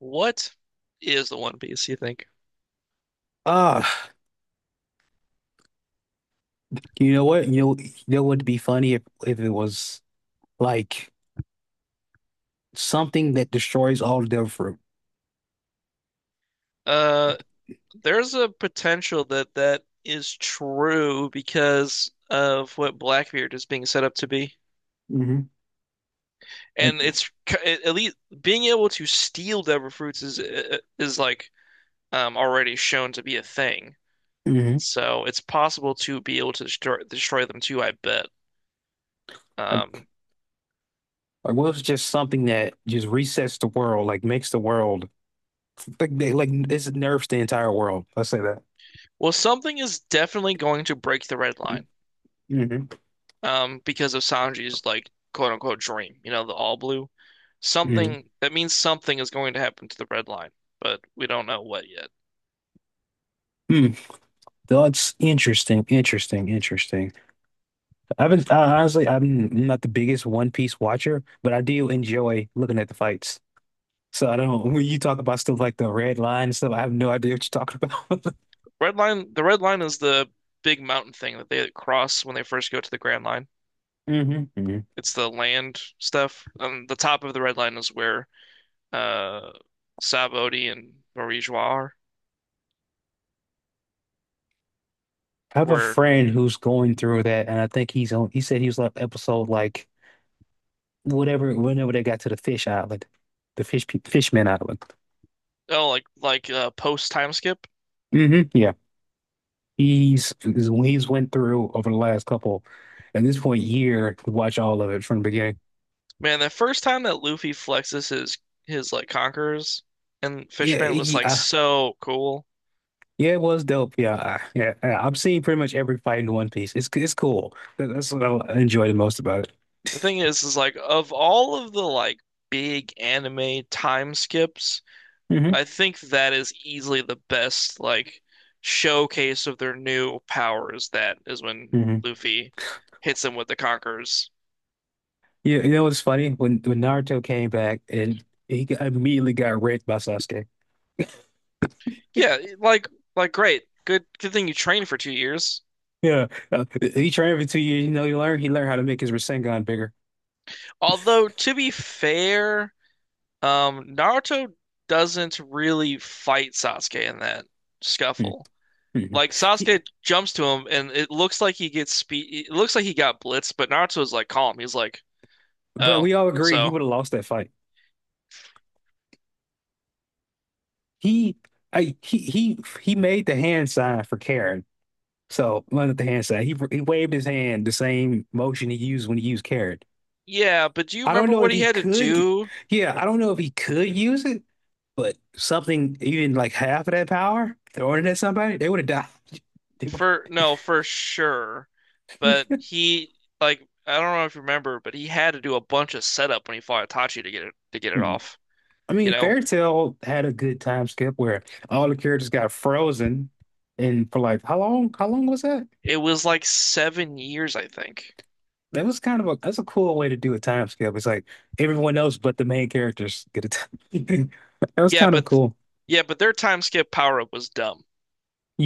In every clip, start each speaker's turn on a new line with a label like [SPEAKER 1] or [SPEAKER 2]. [SPEAKER 1] What is the One Piece, you think?
[SPEAKER 2] Ah, you know what? You know what would be funny if it was like something that destroys all their fruit.
[SPEAKER 1] Uh, there's a potential that that is true because of what Blackbeard is being set up to be.
[SPEAKER 2] hmm
[SPEAKER 1] And
[SPEAKER 2] Like,
[SPEAKER 1] at least being able to steal Devilfruits is like already shown to be a thing.
[SPEAKER 2] hmm
[SPEAKER 1] So it's possible to be able to destroy them too, I bet.
[SPEAKER 2] Like,
[SPEAKER 1] Um,
[SPEAKER 2] like what if it's just something that just resets the world, like makes the world like they like this nerfs the entire world. Let's say that.
[SPEAKER 1] well, something is definitely going to break the red line,
[SPEAKER 2] hmm
[SPEAKER 1] because of Sanji's like quote unquote dream, you know, the all blue.
[SPEAKER 2] hmm
[SPEAKER 1] Something that means something is going to happen to the red line, but we don't know what yet.
[SPEAKER 2] Hmm. That's interesting. Honestly, I'm not the biggest One Piece watcher, but I do enjoy looking at the fights. So I don't, when you talk about stuff like the red line and stuff, I have no idea what you're talking about.
[SPEAKER 1] Red line, the red line is the big mountain thing that they cross when they first go to the Grand Line.
[SPEAKER 2] hmm hmm
[SPEAKER 1] It's the land stuff. The top of the red line is where uh Sab Odie and Marie Joie are,
[SPEAKER 2] I have a
[SPEAKER 1] where
[SPEAKER 2] friend who's going through that, and I think he said he was on episode whatever, whenever they got to the fish island, the fishman island.
[SPEAKER 1] oh like post time skip.
[SPEAKER 2] Hmm Yeah. He's went through over the last couple, at this point, year, to watch all of it from the beginning.
[SPEAKER 1] Man, the first time that Luffy flexes his like conquerors and
[SPEAKER 2] Yeah.
[SPEAKER 1] Fishman was like so cool.
[SPEAKER 2] Yeah, it was dope. Yeah. Yeah. I've seen pretty much every fight in One Piece. It's cool. That's what I enjoy the most about
[SPEAKER 1] The
[SPEAKER 2] it.
[SPEAKER 1] thing is like of all of the like big anime time skips, I think that is easily the best like showcase of their new powers. That is when
[SPEAKER 2] hmm
[SPEAKER 1] Luffy hits him with the Conquerors.
[SPEAKER 2] you know what's funny? When Naruto came back and immediately got raped by Sasuke.
[SPEAKER 1] Yeah, great, good thing you trained for 2 years.
[SPEAKER 2] Yeah, he trained for 2 years. You know, he learned how to make his Rasengan bigger.
[SPEAKER 1] Although to be fair, Naruto doesn't really fight Sasuke in that
[SPEAKER 2] Mhm.
[SPEAKER 1] scuffle. Like
[SPEAKER 2] He,
[SPEAKER 1] Sasuke jumps to him, and it looks like he gets speed. It looks like he got blitzed, but Naruto's like calm. He's like,
[SPEAKER 2] but
[SPEAKER 1] "Oh,
[SPEAKER 2] we all agree he
[SPEAKER 1] so
[SPEAKER 2] would have lost that fight. He, I, he made the hand sign for Karen. So, well, not the hand sign. He waved his hand the same motion he used when he used Karen.
[SPEAKER 1] yeah." But do you
[SPEAKER 2] I don't
[SPEAKER 1] remember
[SPEAKER 2] know
[SPEAKER 1] what
[SPEAKER 2] if
[SPEAKER 1] he
[SPEAKER 2] he
[SPEAKER 1] had to
[SPEAKER 2] could.
[SPEAKER 1] do
[SPEAKER 2] Yeah, I don't know if he could use it, but something even like half of that power throwing it at somebody, they would have died. They would.
[SPEAKER 1] for? No, for sure. But he like I don't know if you remember, but he had to do a bunch of setup when he fought Itachi to get it
[SPEAKER 2] Hmm.
[SPEAKER 1] off.
[SPEAKER 2] I
[SPEAKER 1] You
[SPEAKER 2] mean,
[SPEAKER 1] know,
[SPEAKER 2] Fairy Tail had a good time skip where all the characters got frozen, and for like how long? How long was that?
[SPEAKER 1] it was like 7 years, I think.
[SPEAKER 2] That was kind of a that's a cool way to do a time skip. It's like everyone else but the main characters get a time. That was
[SPEAKER 1] Yeah,
[SPEAKER 2] kind of
[SPEAKER 1] but
[SPEAKER 2] cool.
[SPEAKER 1] yeah, but their time skip power up was dumb,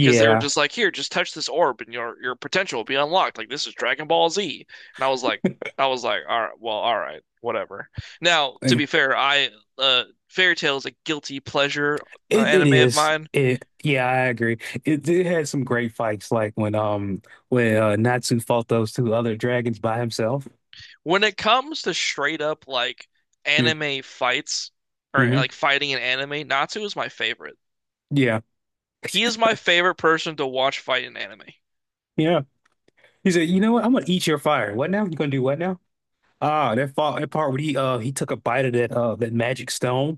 [SPEAKER 1] because they were just like, here, just touch this orb and your potential will be unlocked. Like this is Dragon Ball Z. And I was like, all right, whatever. Now, to be fair, I uh Fairy Tail is a guilty pleasure
[SPEAKER 2] It
[SPEAKER 1] anime of
[SPEAKER 2] is.
[SPEAKER 1] mine.
[SPEAKER 2] It yeah, I agree. It had some great fights, like when Natsu fought those two other dragons by himself.
[SPEAKER 1] When it comes to straight up like
[SPEAKER 2] Mm,
[SPEAKER 1] anime fights or
[SPEAKER 2] Mm-hmm.
[SPEAKER 1] like fighting in anime, Natsu is my favorite.
[SPEAKER 2] Yeah,
[SPEAKER 1] He is my favorite person to watch fight in anime.
[SPEAKER 2] yeah. He said, "You know what? I'm gonna eat your fire. What now? You gonna do what now?" Ah, that fought that part where he took a bite of that magic stone.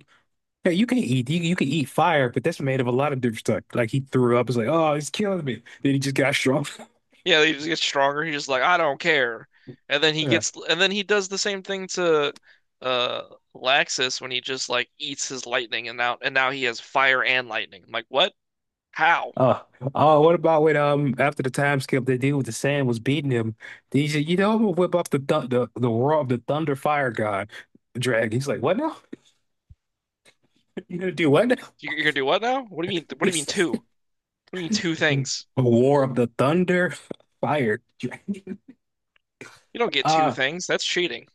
[SPEAKER 2] Hey, you, you can eat fire, but that's made of a lot of different stuff. Like he threw up. It's like, oh, it's killing me. Then he just got strong.
[SPEAKER 1] Yeah, he just gets stronger. He's just like, I don't care. And then he gets, and then he does the same thing to uh Laxus when he just like eats his lightning and now he has fire and lightning. I'm like, what? How?
[SPEAKER 2] Uh, oh, what about when after the time skip the dude with the sand was beating him? He said, you know, I'm gonna whip up the th the roar of the thunder fire god dragon. He's like, what now? You gonna do what now?
[SPEAKER 1] You're gonna do what now? What do you mean? What do
[SPEAKER 2] He
[SPEAKER 1] you mean
[SPEAKER 2] says,
[SPEAKER 1] two? What do you mean two things?
[SPEAKER 2] a war of the thunder fire dragon.
[SPEAKER 1] You don't get two
[SPEAKER 2] Uh
[SPEAKER 1] things. That's cheating.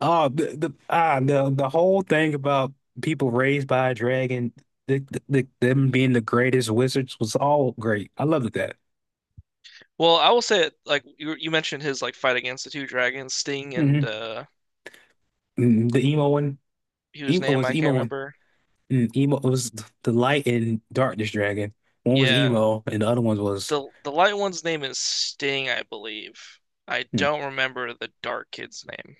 [SPEAKER 2] oh the the whole thing about people raised by a dragon, the them being the greatest wizards was all great. I loved that.
[SPEAKER 1] Well, I will say like you mentioned his like fight against the two dragons, Sting and
[SPEAKER 2] hmm The emo one,
[SPEAKER 1] whose
[SPEAKER 2] emo
[SPEAKER 1] name
[SPEAKER 2] was
[SPEAKER 1] I can't
[SPEAKER 2] emo.
[SPEAKER 1] remember.
[SPEAKER 2] Emo it was the light and darkness dragon. One was
[SPEAKER 1] Yeah,
[SPEAKER 2] emo, and the other one was
[SPEAKER 1] the light one's name is Sting, I believe. I
[SPEAKER 2] mm.
[SPEAKER 1] don't remember the dark kid's name.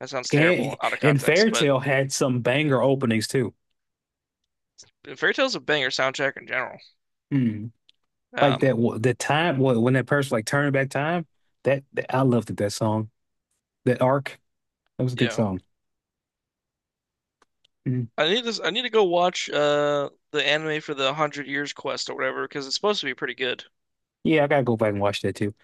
[SPEAKER 1] That sounds terrible
[SPEAKER 2] And
[SPEAKER 1] out of context, but
[SPEAKER 2] Fairytale had some banger openings too.
[SPEAKER 1] Fairy Tail's a banger soundtrack in general.
[SPEAKER 2] Mm. Like
[SPEAKER 1] Um,
[SPEAKER 2] that wa- the time wh- when that person like turned back time. That, that I loved it, that song. That arc. That was a
[SPEAKER 1] you
[SPEAKER 2] good
[SPEAKER 1] know,
[SPEAKER 2] song. Mm.
[SPEAKER 1] I need this. I need to go watch the anime for the Hundred Years Quest or whatever because it's supposed to be pretty good.
[SPEAKER 2] Yeah, I gotta go back and watch that too.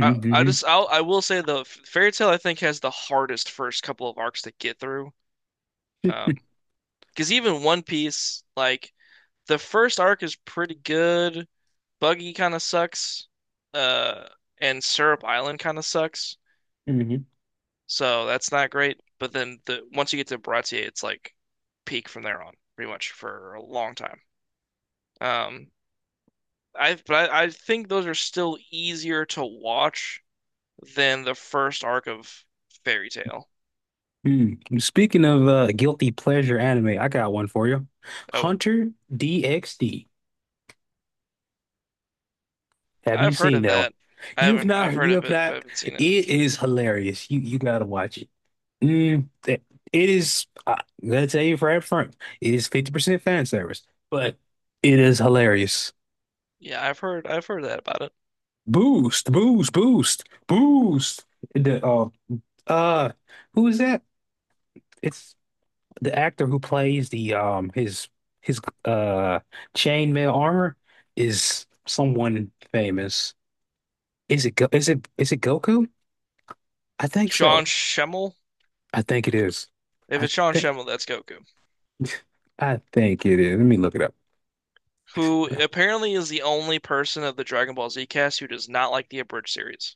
[SPEAKER 1] I will say the Fairy Tail I think has the hardest first couple of arcs to get through. Um, because even One Piece, like the first arc is pretty good, Buggy kind of sucks. Uh, and Syrup Island kind of sucks.
[SPEAKER 2] hmm
[SPEAKER 1] So that's not great. But then the once you get to Baratier, it's like peak from there on, pretty much for a long time. Um, I think those are still easier to watch than the first arc of Fairy Tail.
[SPEAKER 2] Mm. Speaking of guilty pleasure anime, I got one for you.
[SPEAKER 1] Oh,
[SPEAKER 2] Hunter DxD. Have you
[SPEAKER 1] I've heard
[SPEAKER 2] seen
[SPEAKER 1] of
[SPEAKER 2] that one?
[SPEAKER 1] that. I
[SPEAKER 2] You have
[SPEAKER 1] haven't. I've
[SPEAKER 2] not.
[SPEAKER 1] heard
[SPEAKER 2] You
[SPEAKER 1] of
[SPEAKER 2] have
[SPEAKER 1] it, but I
[SPEAKER 2] not.
[SPEAKER 1] haven't seen it.
[SPEAKER 2] It is hilarious. You gotta watch it. Mm, it is. I'll tell you right up front. It is 50% fan service, but it is hilarious.
[SPEAKER 1] I've heard that about it.
[SPEAKER 2] Boost, boost, boost, boost. The uh, who is that? It's the actor who plays the his chainmail armor is someone famous. Is it is it Goku? I think
[SPEAKER 1] Sean
[SPEAKER 2] so.
[SPEAKER 1] Schemmel.
[SPEAKER 2] I think it is.
[SPEAKER 1] If
[SPEAKER 2] I
[SPEAKER 1] it's Sean
[SPEAKER 2] think.
[SPEAKER 1] Schemmel, that's Goku,
[SPEAKER 2] I think it is. Let me look it up.
[SPEAKER 1] who apparently is the only person of the Dragon Ball Z cast who does not like the abridged series.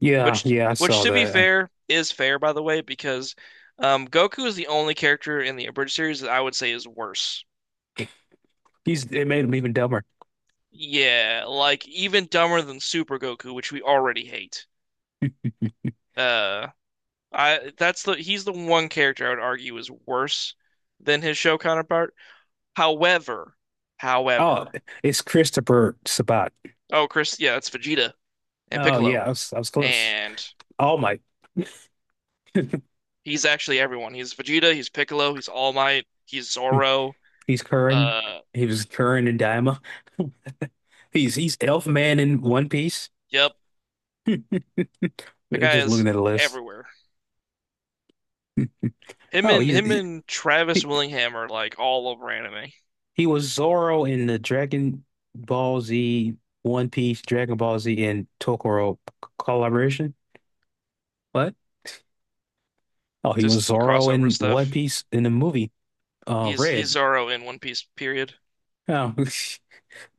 [SPEAKER 2] Yeah,
[SPEAKER 1] Which,
[SPEAKER 2] yeah, I
[SPEAKER 1] which
[SPEAKER 2] saw
[SPEAKER 1] to be
[SPEAKER 2] that.
[SPEAKER 1] fair, is fair by the way, because Goku is the only character in the abridged series that I would say is worse.
[SPEAKER 2] He's it made him even dumber.
[SPEAKER 1] Yeah, like even dumber than Super Goku, which we already hate. Uh, I that's the He's the one character I would argue is worse than his show counterpart. However,
[SPEAKER 2] Oh,
[SPEAKER 1] however,
[SPEAKER 2] it's Christopher Sabat.
[SPEAKER 1] oh Chris, yeah, it's Vegeta and
[SPEAKER 2] Oh
[SPEAKER 1] Piccolo
[SPEAKER 2] yeah, I was close.
[SPEAKER 1] and
[SPEAKER 2] All Might.
[SPEAKER 1] he's actually everyone. He's Vegeta, he's Piccolo, he's All Might, he's Zoro.
[SPEAKER 2] He's Curran.
[SPEAKER 1] Uh,
[SPEAKER 2] He was Curran and Daima. He's Elf Man in One Piece.
[SPEAKER 1] yep, that guy
[SPEAKER 2] Just
[SPEAKER 1] is
[SPEAKER 2] looking at the list.
[SPEAKER 1] everywhere.
[SPEAKER 2] Oh,
[SPEAKER 1] Him and Travis
[SPEAKER 2] he,
[SPEAKER 1] Willingham are like all over anime.
[SPEAKER 2] he was Zoro in the Ball Z, One Piece, Dragon Ball Z, and Tokoro collaboration. What? Oh, he
[SPEAKER 1] Just
[SPEAKER 2] was
[SPEAKER 1] the
[SPEAKER 2] Zoro
[SPEAKER 1] crossover
[SPEAKER 2] in One
[SPEAKER 1] stuff.
[SPEAKER 2] Piece in the movie.
[SPEAKER 1] He's
[SPEAKER 2] Red.
[SPEAKER 1] Zoro in One Piece, period.
[SPEAKER 2] Oh,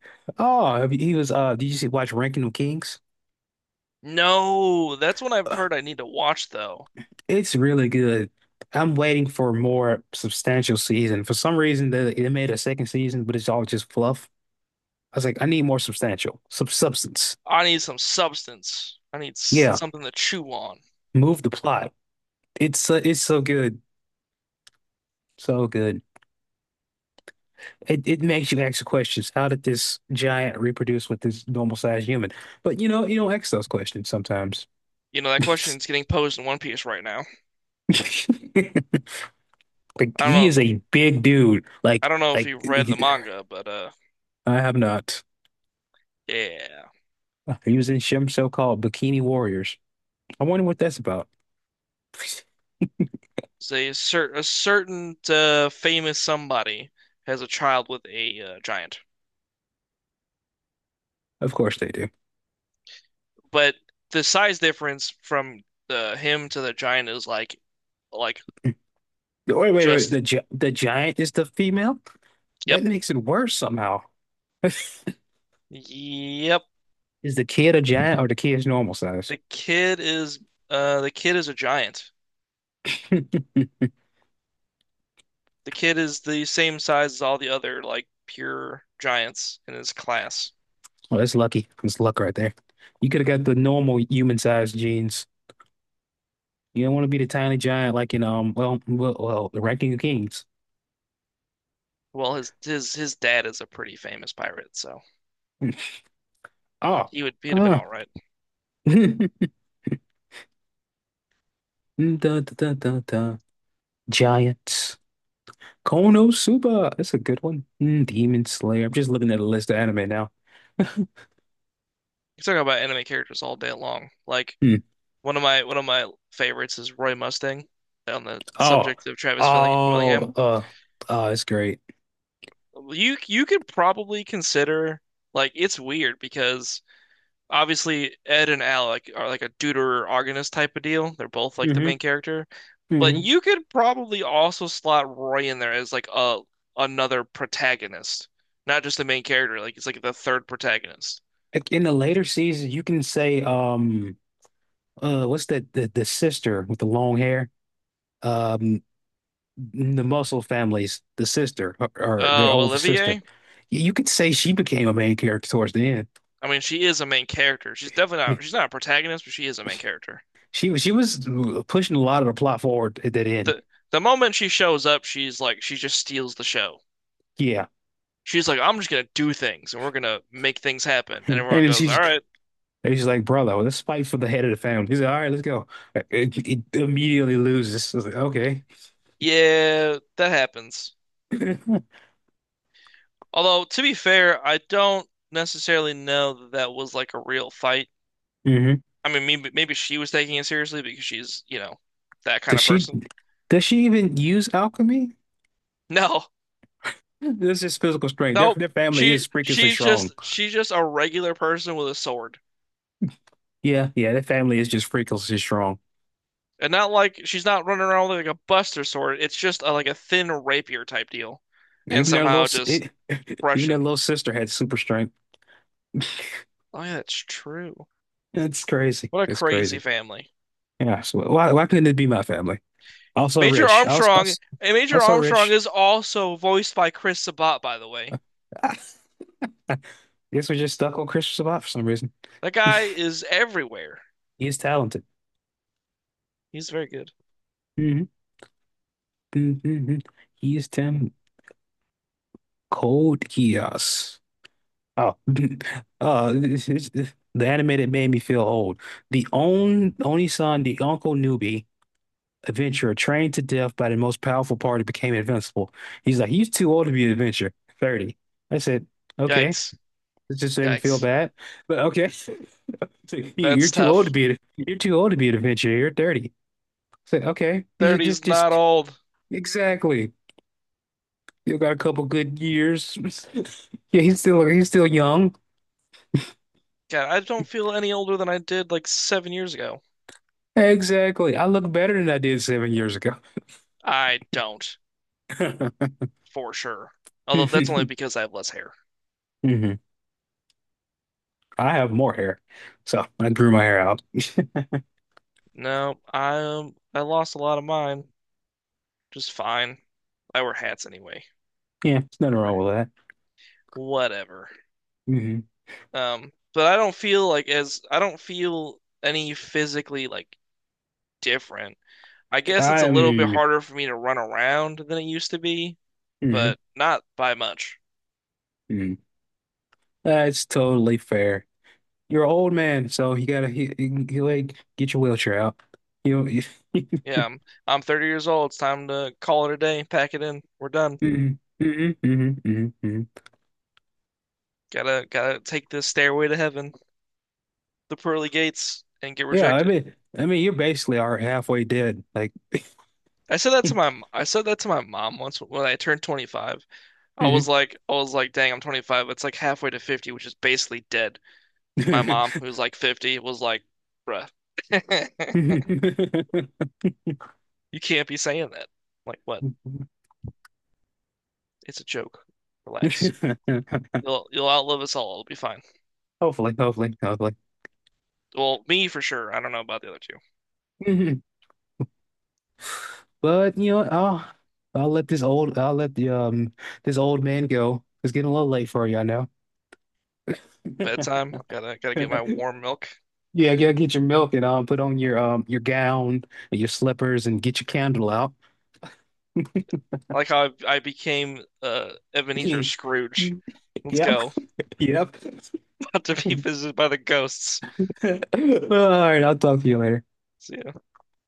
[SPEAKER 2] oh, he was. Did you watch Ranking of Kings?
[SPEAKER 1] No, that's what I've
[SPEAKER 2] Ugh,
[SPEAKER 1] heard I need to watch though.
[SPEAKER 2] it's really good. I'm waiting for more substantial season. For some reason, they made a second season, but it's all just fluff. I was like, I need more substantial, sub substance.
[SPEAKER 1] I need some substance. I need
[SPEAKER 2] Yeah,
[SPEAKER 1] something to chew on.
[SPEAKER 2] move the plot. It's so good, so good. It makes you ask questions. How did this giant reproduce with this normal sized human? But you know, you don't ask those questions sometimes.
[SPEAKER 1] You know, that question's getting posed in One Piece right now.
[SPEAKER 2] Like
[SPEAKER 1] I
[SPEAKER 2] he
[SPEAKER 1] don't know.
[SPEAKER 2] is a big dude.
[SPEAKER 1] I don't know if you've read the manga, but
[SPEAKER 2] I have not.
[SPEAKER 1] yeah.
[SPEAKER 2] He was in Shim so-called Bikini Warriors. I wonder what that's about.
[SPEAKER 1] Say a, cer a certain famous somebody has a child with a giant,
[SPEAKER 2] Of course they do.
[SPEAKER 1] but the size difference from the him to the giant is like
[SPEAKER 2] Wait.
[SPEAKER 1] just
[SPEAKER 2] The gi the giant is the female?
[SPEAKER 1] yep,
[SPEAKER 2] That makes it worse somehow.
[SPEAKER 1] yep.
[SPEAKER 2] Is the kid a giant or the kid is normal size?
[SPEAKER 1] The kid is the kid is a giant.
[SPEAKER 2] Hmm.
[SPEAKER 1] The kid is the same size as all the other like pure giants in his class.
[SPEAKER 2] Well, that's lucky. That's luck right there. You could have got the normal human size genes. You don't want to be the tiny giant like in well the Ranking of Kings.
[SPEAKER 1] Well, his dad is a pretty famous pirate, so
[SPEAKER 2] Oh.
[SPEAKER 1] he'd have been
[SPEAKER 2] Ah.
[SPEAKER 1] all right.
[SPEAKER 2] Dun, dun. Giants. Konosuba. That's a good one. Mm, Demon Slayer. I'm just looking at a list of anime now.
[SPEAKER 1] You're talking about anime characters all day long, like.
[SPEAKER 2] Hmm.
[SPEAKER 1] One of my favorites is Roy Mustang on the
[SPEAKER 2] Oh.
[SPEAKER 1] subject of Willingham.
[SPEAKER 2] Oh. Oh, it's great.
[SPEAKER 1] You could probably consider like it's weird because obviously Ed and Alec are like a deuteragonist type of deal. They're both like the
[SPEAKER 2] hmm
[SPEAKER 1] main character, but
[SPEAKER 2] hmm
[SPEAKER 1] you could probably also slot Roy in there as like a another protagonist, not just the main character. Like it's like the third protagonist.
[SPEAKER 2] Like in the later seasons, you can say, what's that? The sister with the long hair. Um, the Muscle families. The sister or their
[SPEAKER 1] Oh,
[SPEAKER 2] older sister.
[SPEAKER 1] Olivier.
[SPEAKER 2] You could say she became a main character towards the end.
[SPEAKER 1] I mean, she is a main character. She's definitely
[SPEAKER 2] I mean,
[SPEAKER 1] not. She's not a protagonist, but she is a main character.
[SPEAKER 2] she was pushing a lot of the plot forward at that end.
[SPEAKER 1] the the moment she shows up, she's like she just steals the show.
[SPEAKER 2] Yeah.
[SPEAKER 1] She's like, I'm just gonna do things and we're gonna make things happen. And
[SPEAKER 2] And
[SPEAKER 1] everyone
[SPEAKER 2] then
[SPEAKER 1] goes,
[SPEAKER 2] she
[SPEAKER 1] all right,
[SPEAKER 2] and he's like, brother, well, let's fight for the head of the family. He's like, all right, let's go. It immediately loses. I was like, okay.
[SPEAKER 1] yeah, that happens. Although to be fair, I don't necessarily know that that was like a real fight.
[SPEAKER 2] hmm
[SPEAKER 1] I mean, maybe she was taking it seriously because she's, you know, that kind
[SPEAKER 2] Does
[SPEAKER 1] of
[SPEAKER 2] she
[SPEAKER 1] person.
[SPEAKER 2] does she even use alchemy?
[SPEAKER 1] No,
[SPEAKER 2] This is physical strength.
[SPEAKER 1] nope.
[SPEAKER 2] Their family is freakishly strong.
[SPEAKER 1] She's just a regular person with a sword.
[SPEAKER 2] Yeah, yeah, their family is just freakishly strong.
[SPEAKER 1] And not like she's not running around with like a buster sword. It's just a, like a thin rapier type deal. And
[SPEAKER 2] Even their little
[SPEAKER 1] somehow
[SPEAKER 2] s-
[SPEAKER 1] just
[SPEAKER 2] it, even their
[SPEAKER 1] crushing.
[SPEAKER 2] little sister had super strength.
[SPEAKER 1] Oh yeah, that's true.
[SPEAKER 2] It's crazy.
[SPEAKER 1] What a
[SPEAKER 2] It's
[SPEAKER 1] crazy
[SPEAKER 2] crazy.
[SPEAKER 1] family.
[SPEAKER 2] Yeah. So why couldn't it be my family? Also
[SPEAKER 1] Major
[SPEAKER 2] rich.
[SPEAKER 1] Armstrong, Major
[SPEAKER 2] Also
[SPEAKER 1] Armstrong
[SPEAKER 2] rich.
[SPEAKER 1] is also voiced by Chris Sabat, by the way.
[SPEAKER 2] Guess we're just stuck on Christopher Sabat for some reason.
[SPEAKER 1] That guy is everywhere.
[SPEAKER 2] He is talented.
[SPEAKER 1] He's very good.
[SPEAKER 2] Mhm, mhm. He's them cold Geass. Oh, the animated made me feel old. The own only son, the Uncle Newbie adventurer, trained to death by the most powerful party, became invincible. He's like, he's too old to be an adventurer. 30. I said, okay,
[SPEAKER 1] Yikes.
[SPEAKER 2] this just made me feel
[SPEAKER 1] Yikes.
[SPEAKER 2] bad, but okay. So, "You- You're
[SPEAKER 1] That's
[SPEAKER 2] too old to
[SPEAKER 1] tough.
[SPEAKER 2] you're too old to be an adventurer. You're 30. I said, okay, you should
[SPEAKER 1] 30's not
[SPEAKER 2] just
[SPEAKER 1] old.
[SPEAKER 2] exactly. Still got a couple good years. Yeah, he's still young.
[SPEAKER 1] God, I don't feel any older than I did like 7 years ago.
[SPEAKER 2] Exactly. I look better than I did 7 years ago.
[SPEAKER 1] I don't, for sure. Although that's only
[SPEAKER 2] hmm
[SPEAKER 1] because I have less hair.
[SPEAKER 2] I have more hair, so I grew my hair out.
[SPEAKER 1] No, I lost a lot of mine. Just fine. I wear hats anyway.
[SPEAKER 2] Yeah, there's nothing wrong with that.
[SPEAKER 1] Whatever.
[SPEAKER 2] hmm
[SPEAKER 1] But I don't feel like as I don't feel any physically like different. I guess it's
[SPEAKER 2] I
[SPEAKER 1] a little bit
[SPEAKER 2] am.
[SPEAKER 1] harder for me to run around than it used to be,
[SPEAKER 2] mhm,
[SPEAKER 1] but not by much.
[SPEAKER 2] mhm. That's totally fair. You're an old man, so you gotta like get your wheelchair out. You know.
[SPEAKER 1] Yeah, I'm, I'm 30 years old. It's time to call it a day, pack it in. We're done.
[SPEAKER 2] hmm hmm hmm hmm
[SPEAKER 1] Gotta take this stairway to heaven, the pearly gates, and get
[SPEAKER 2] Yeah,
[SPEAKER 1] rejected.
[SPEAKER 2] I mean, you're basically are halfway dead. Like.
[SPEAKER 1] I said that to my mom once when I turned 25.
[SPEAKER 2] Mhm.
[SPEAKER 1] I was like, dang, I'm 25. It's like halfway to 50, which is basically dead. My mom, who's like 50, was like, bruh,
[SPEAKER 2] Hopefully,
[SPEAKER 1] you can't be saying that. I'm like, what? It's a joke. Relax. You'll outlive us all. It'll be fine.
[SPEAKER 2] hopefully.
[SPEAKER 1] Well, me for sure. I don't know about the other two.
[SPEAKER 2] Mhm. But you know, what, I'll let the this old man go. It's getting a little late for you, I know.
[SPEAKER 1] Bedtime. Gotta get my warm milk.
[SPEAKER 2] Yeah, yeah, get your milk and put on your gown and your slippers and get your candle out.
[SPEAKER 1] I like how I became Ebenezer Scrooge. Let's
[SPEAKER 2] Yep,
[SPEAKER 1] go.
[SPEAKER 2] yep.
[SPEAKER 1] About to
[SPEAKER 2] All
[SPEAKER 1] be visited by the ghosts.
[SPEAKER 2] right, I'll talk to you later.
[SPEAKER 1] See ya.